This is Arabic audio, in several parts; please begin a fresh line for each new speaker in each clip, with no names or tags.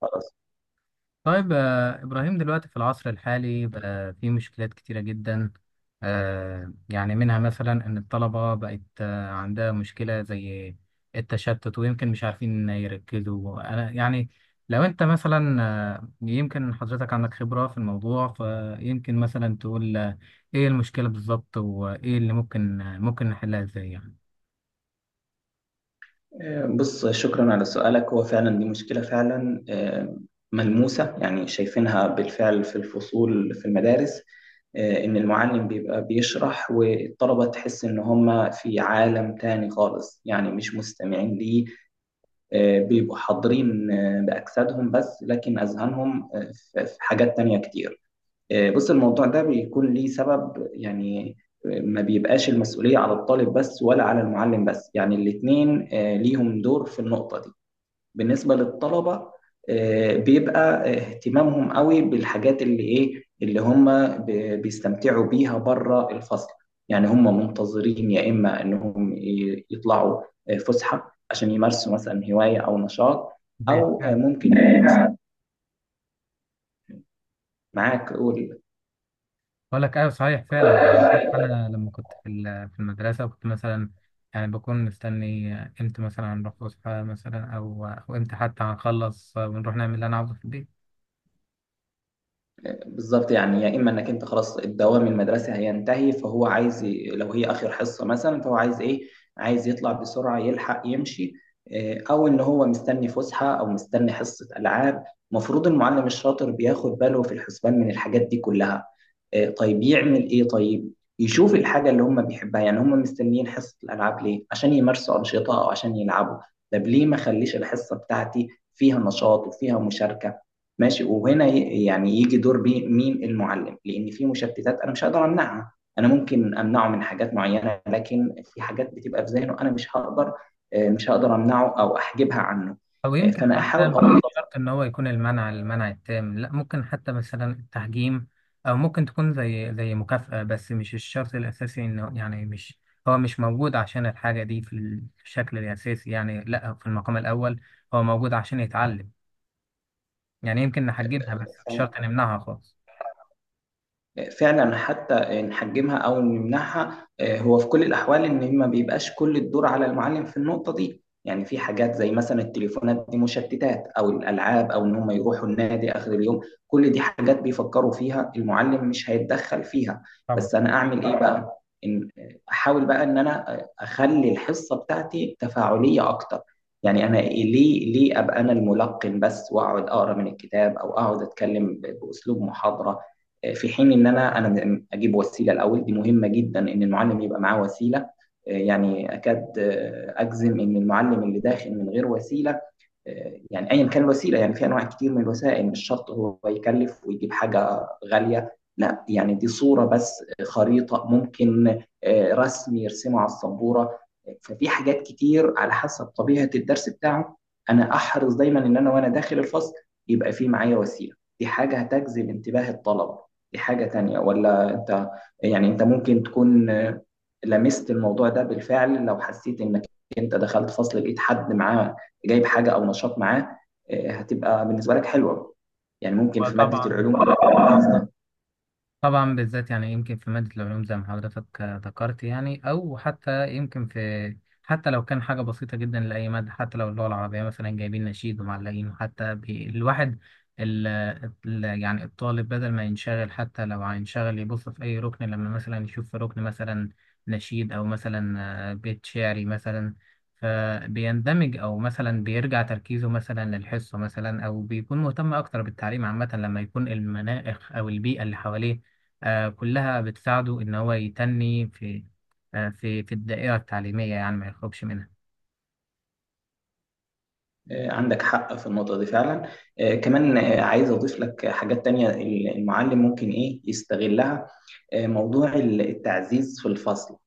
خلاص.
طيب، إبراهيم، دلوقتي في العصر الحالي بقى في مشكلات كتيرة جدا. يعني منها مثلا إن الطلبة بقت، عندها مشكلة زي التشتت، ويمكن مش عارفين يركزوا. أنا يعني لو أنت مثلا، يمكن حضرتك عندك خبرة في الموضوع، فيمكن مثلا تقول إيه المشكلة بالظبط، وإيه اللي ممكن نحلها إزاي.
بص، شكرا على سؤالك. هو فعلا دي مشكلة فعلا ملموسة، يعني شايفينها بالفعل في الفصول في المدارس. إن المعلم بيبقى بيشرح والطلبة تحس إن هم في عالم تاني خالص، يعني مش مستمعين ليه. بيبقوا حاضرين بأجسادهم بس، لكن أذهانهم في حاجات تانية كتير. بص، الموضوع ده بيكون ليه سبب. يعني ما بيبقاش المسؤولية على الطالب بس، ولا على المعلم بس، يعني الاتنين ليهم دور في النقطة دي. بالنسبة للطلبة، بيبقى اهتمامهم قوي بالحاجات اللي ايه، اللي هم بيستمتعوا بيها بره الفصل. يعني هم منتظرين يا اما انهم يطلعوا فسحة عشان يمارسوا مثلا هواية او نشاط،
يعني
او ممكن. معاك، قول.
بقول لك ايوه، صحيح فعلا. يعني حتى انا لما كنت في المدرسه كنت مثلا يعني بكون مستني امتى مثلا هنروح فسحه مثلا، او امتى حتى هنخلص ونروح نعمل اللي انا عاوزه في البيت.
بالظبط، يعني يا اما انك انت خلاص الدوام المدرسي هينتهي، فهو عايز لو هي اخر حصه مثلا، فهو عايز ايه؟ عايز يطلع بسرعه يلحق يمشي. او ان هو مستني فسحه او مستني حصه العاب. المفروض المعلم الشاطر بياخد باله في الحسبان من الحاجات دي كلها. طيب يعمل ايه؟ طيب يشوف الحاجه اللي هم بيحبها. يعني هم مستنيين حصه الالعاب ليه؟ عشان يمارسوا انشطه او عشان يلعبوا. طب ليه ما خليش الحصه بتاعتي فيها نشاط وفيها مشاركه؟ ماشي. وهنا يعني يجي دور مين؟ المعلم. لان في مشتتات انا مش هقدر امنعها. انا ممكن امنعه من حاجات معينه، لكن في حاجات بتبقى في ذهنه انا مش هقدر، مش هقدر امنعه او احجبها عنه.
او يمكن
فانا
حتى
احاول
مش
اوظف.
مش شرط ان هو يكون المنع المنع التام، لا، ممكن حتى مثلا التحجيم، او ممكن تكون زي مكافاه، بس مش الشرط الاساسي. انه يعني مش، هو مش موجود عشان الحاجه دي في الشكل الاساسي، يعني لا، في المقام الاول هو موجود عشان يتعلم. يعني يمكن نحجمها بس مش شرط نمنعها خالص.
فعلا، حتى نحجمها او نمنعها، هو في كل الاحوال ان ما بيبقاش كل الدور على المعلم في النقطه دي. يعني في حاجات زي مثلا التليفونات دي مشتتات، او الالعاب، او ان هم يروحوا النادي اخر اليوم. كل دي حاجات بيفكروا فيها، المعلم مش هيتدخل فيها.
طبعا،
بس انا اعمل ايه بقى؟ إن احاول بقى ان انا اخلي الحصه بتاعتي تفاعليه اكتر. يعني انا ليه ابقى انا الملقن بس، واقعد اقرا من الكتاب، او اقعد اتكلم باسلوب محاضره؟ في حين ان انا اجيب وسيله. الاول دي مهمه جدا، ان المعلم يبقى معاه وسيله. يعني اكاد اجزم ان المعلم اللي داخل من غير وسيله، يعني ايا كان الوسيله. يعني في انواع كتير من الوسائل، مش شرط هو يكلف ويجيب حاجه غاليه، لا، يعني دي صوره بس، خريطه، ممكن رسم يرسمه على السبوره. ففي حاجات كتير على حسب طبيعه الدرس بتاعه. انا احرص دايما ان انا وانا داخل الفصل يبقى في معايا وسيله. دي حاجه هتجذب انتباه الطلبه. دي حاجه تانية. ولا انت، يعني انت ممكن تكون لمست الموضوع ده بالفعل. لو حسيت انك انت دخلت فصل لقيت حد معاه جايب حاجه او نشاط معاه، هتبقى بالنسبه لك حلوه. يعني ممكن في ماده
وطبعا،
العلوم تبقى افضل.
طبعا بالذات، يعني يمكن في مادة العلوم زي ما حضرتك ذكرت. يعني أو حتى يمكن في، حتى لو كان حاجة بسيطة جدا لأي مادة، حتى لو اللغة العربية مثلا جايبين نشيد ومعلقين حتى الواحد، ال يعني الطالب بدل ما ينشغل، حتى لو هينشغل يبص في أي ركن، لما مثلا يشوف في ركن مثلا نشيد، أو مثلا بيت شعري مثلا، فبيندمج، أو مثلا بيرجع تركيزه مثلا للحصة مثلا، أو بيكون مهتم أكتر بالتعليم عامة. لما يكون المناخ أو البيئة اللي حواليه كلها بتساعده إن هو يتني في آه، في في الدائرة التعليمية، يعني ما يخرجش منها.
عندك حق في النقطه دي فعلا. كمان عايز اضيف لك حاجات تانية. المعلم ممكن ايه يستغلها؟ موضوع التعزيز في الفصل.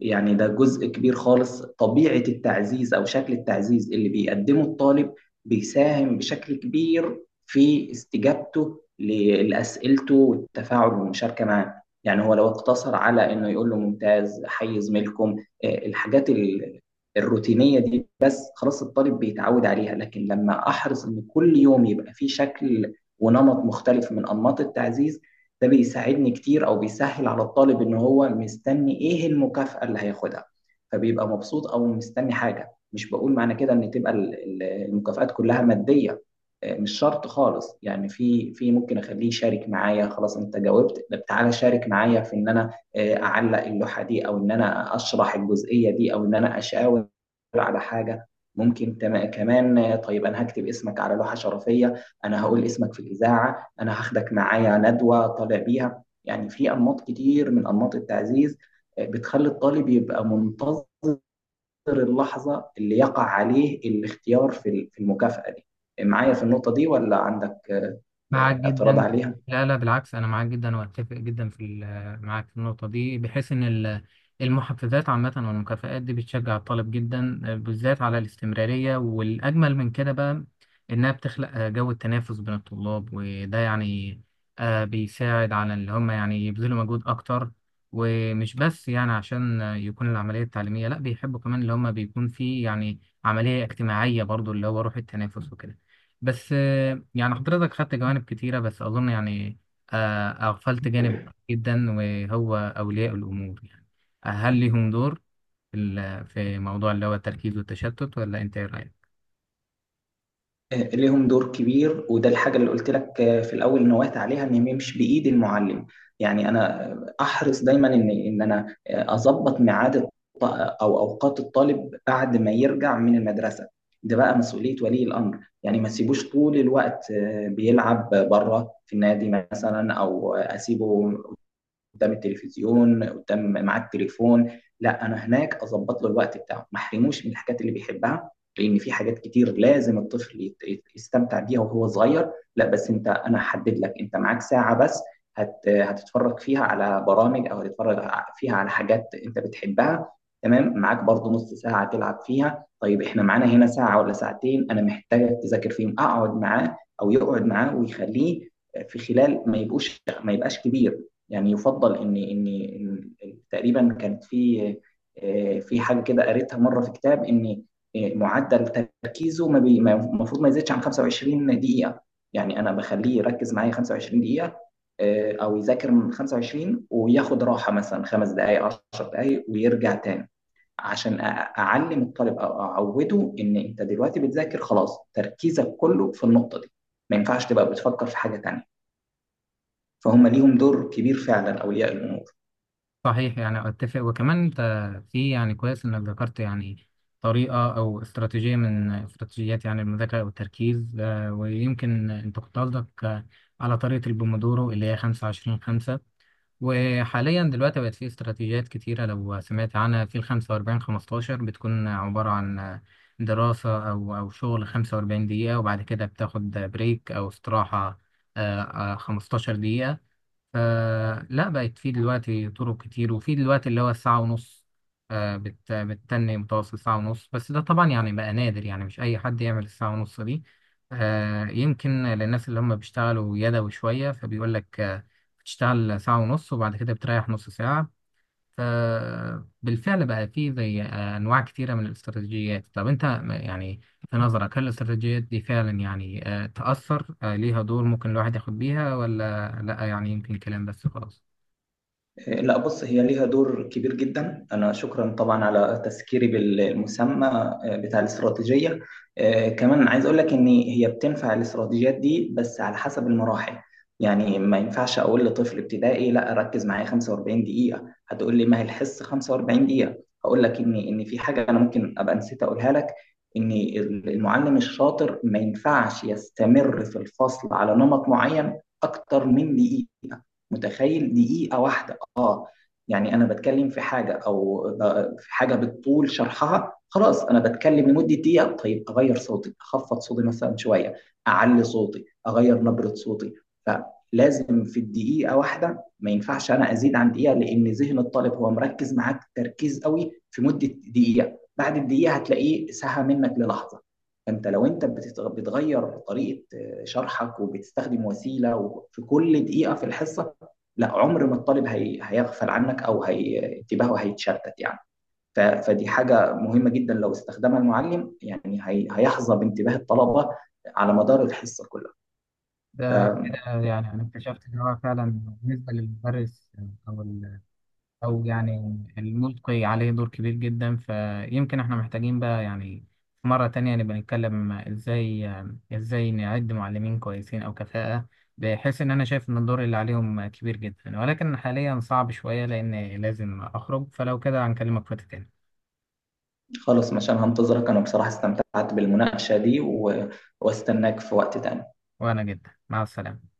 يعني ده جزء كبير خالص. طبيعة التعزيز أو شكل التعزيز اللي بيقدمه الطالب، بيساهم بشكل كبير في استجابته لأسئلته والتفاعل والمشاركة معاه. يعني هو لو اقتصر على إنه يقول له ممتاز، حي زميلكم، الحاجات الروتينية دي بس، خلاص الطالب بيتعود عليها. لكن لما أحرص إن كل يوم يبقى فيه شكل ونمط مختلف من أنماط التعزيز، ده بيساعدني كتير، او بيسهل على الطالب ان هو مستني ايه المكافأة اللي هياخدها، فبيبقى مبسوط او مستني حاجة. مش بقول معنى كده ان تبقى ال- المكافآت كلها مادية، مش شرط خالص. يعني في ممكن اخليه يشارك معايا. خلاص انت جاوبت، طب تعالى شارك معايا في ان انا اعلق اللوحة دي، او ان انا اشرح الجزئية دي، او ان انا اشاور على حاجة. ممكن كمان طيب انا هكتب اسمك على لوحة شرفية، انا هقول اسمك في الإذاعة، انا هاخدك معايا ندوه طالع بيها. يعني في انماط كتير من انماط التعزيز بتخلي الطالب يبقى منتظر اللحظه اللي يقع عليه الاختيار في المكافاه دي. معايا في النقطه دي، ولا عندك
معاك
اعتراض
جدا.
عليها؟
لا، لا، بالعكس، انا معاك جدا واتفق جدا معاك في النقطه دي، بحيث ان المحفزات عامه والمكافآت دي بتشجع الطالب جدا بالذات على الاستمراريه. والاجمل من كده بقى انها بتخلق جو التنافس بين الطلاب، وده يعني بيساعد على اللي هم يعني يبذلوا مجهود اكتر. ومش بس يعني عشان يكون العمليه التعليميه، لا، بيحبوا كمان اللي هم بيكون في يعني عمليه اجتماعيه برضو اللي هو روح التنافس وكده. بس يعني حضرتك خدت جوانب كتيرة، بس أظن يعني أغفلت جانب مهم جدا وهو أولياء الأمور. يعني هل لهم دور في موضوع اللي هو التركيز والتشتت، ولا أنت إيه رأيك؟
ليهم دور كبير، وده الحاجة اللي قلت لك في الأول نوهت عليها، إن ما يمشي بإيد المعلم. يعني أنا أحرص دايما إن أنا أظبط ميعاد أو أوقات الطالب بعد ما يرجع من المدرسة. ده بقى مسؤولية ولي الأمر. يعني ما تسيبوش طول الوقت بيلعب بره في النادي مثلا، أو أسيبه قدام التلفزيون، قدام مع التليفون. لا، انا هناك اظبط له الوقت بتاعه. ما احرموش من الحاجات اللي بيحبها، لان في حاجات كتير لازم الطفل يستمتع بيها وهو صغير. لا بس انت، انا هحدد لك، انت معاك ساعة بس هتتفرج فيها على برامج، او هتتفرج فيها على حاجات انت بتحبها. تمام. معاك برضو نص ساعة تلعب فيها. طيب احنا معانا هنا ساعة ولا ساعتين انا محتاجك تذاكر فيهم. اقعد معاه او يقعد معاه ويخليه. في خلال ما يبقوش ما يبقاش كبير، يعني يفضل ان تقريبا كانت في في حاجه كده قريتها مره في كتاب، ان معدل تركيزه ما بي- ما- المفروض ما يزيدش عن 25 دقيقه. يعني انا بخليه يركز معايا 25 دقيقه او يذاكر من 25 وياخد راحه مثلا 5 دقائق 10 دقائق ويرجع تاني، عشان اعلم الطالب او اعوده ان انت دلوقتي بتذاكر، خلاص تركيزك كله في النقطه دي، ما ينفعش تبقى بتفكر في حاجه تانيه. فهم ليهم دور كبير فعلا، اولياء الامور.
صحيح، يعني أتفق. وكمان أنت في، يعني كويس إنك ذكرت يعني طريقة أو استراتيجية من استراتيجيات يعني المذاكرة أو التركيز. ويمكن أنت كنت قصدك على طريقة البومودورو اللي هي 25 خمسة. وحاليا دلوقتي بقت في استراتيجيات كتيرة، لو سمعت عنها، في ال45 15، بتكون عبارة عن دراسة أو شغل 45 دقيقة، وبعد كده بتاخد بريك أو استراحة 15 دقيقة. فلا بقت في دلوقتي طرق كتير. وفي دلوقتي اللي هو الساعة ونص، بتتني متوسط ساعة ونص، بس ده طبعا يعني بقى نادر، يعني مش أي حد يعمل الساعة ونص دي. يمكن للناس اللي هم بيشتغلوا يدوي شوية، فبيقول لك بتشتغل ساعة ونص وبعد كده بتريح نص ساعة. فبالفعل بقى في زي أنواع كتيرة من الاستراتيجيات. طب أنت يعني في نظرك هل الاستراتيجيات دي فعلا يعني تأثر، ليها دور، ممكن الواحد ياخد بيها ولا لأ؟ يعني يمكن كلام بس خلاص.
لا، بص، هي ليها دور كبير جدا. أنا شكرا طبعا على تذكيري بالمسمى بتاع الاستراتيجية. كمان عايز أقول لك إن هي بتنفع الاستراتيجيات دي بس على حسب المراحل. يعني ما ينفعش أقول لطفل ابتدائي لا ركز معايا 45 دقيقة. هتقول لي ما هي الحصة 45 دقيقة. هقول لك إن في حاجة أنا ممكن أبقى نسيت أقولها لك، إن المعلم الشاطر ما ينفعش يستمر في الفصل على نمط معين أكتر من دقيقة. متخيل؟ دقيقة واحدة. اه، يعني انا بتكلم في حاجه، او في حاجه بالطول شرحها، خلاص انا بتكلم لمده دقيقه. طيب اغير صوتي، اخفض صوتي مثلا شويه، اعلي صوتي، اغير نبره صوتي. فلازم في الدقيقه واحده، ما ينفعش انا ازيد عن دقيقه، لان ذهن الطالب هو مركز معاك تركيز قوي في مده دقيقه. بعد الدقيقه هتلاقيه سهى منك للحظه. فانت لو انت بتغير طريقه شرحك وبتستخدم وسيله في كل دقيقه في الحصه، لا عمر ما الطالب هيغفل عنك، او انتباهه هيتشتت. يعني فدي حاجه مهمه جدا لو استخدمها المعلم، يعني هيحظى بانتباه الطلبه على مدار الحصه كلها.
ده كده يعني انا اكتشفت ان هو فعلا بالنسبه للمدرس، او او يعني الملقي عليه دور كبير جدا. فيمكن احنا محتاجين بقى يعني في مرة تانية نبقى نتكلم ازاي نعد معلمين كويسين او كفاءة، بحيث ان انا شايف ان الدور اللي عليهم كبير جدا. ولكن حاليا صعب شوية لان لازم اخرج، فلو كده هنكلمك وقت تاني.
خلاص، مشان هنتظرك. انا بصراحه استمتعت بالمناقشه دي واستناك في وقت تاني.
وانا جدا، مع السلامة.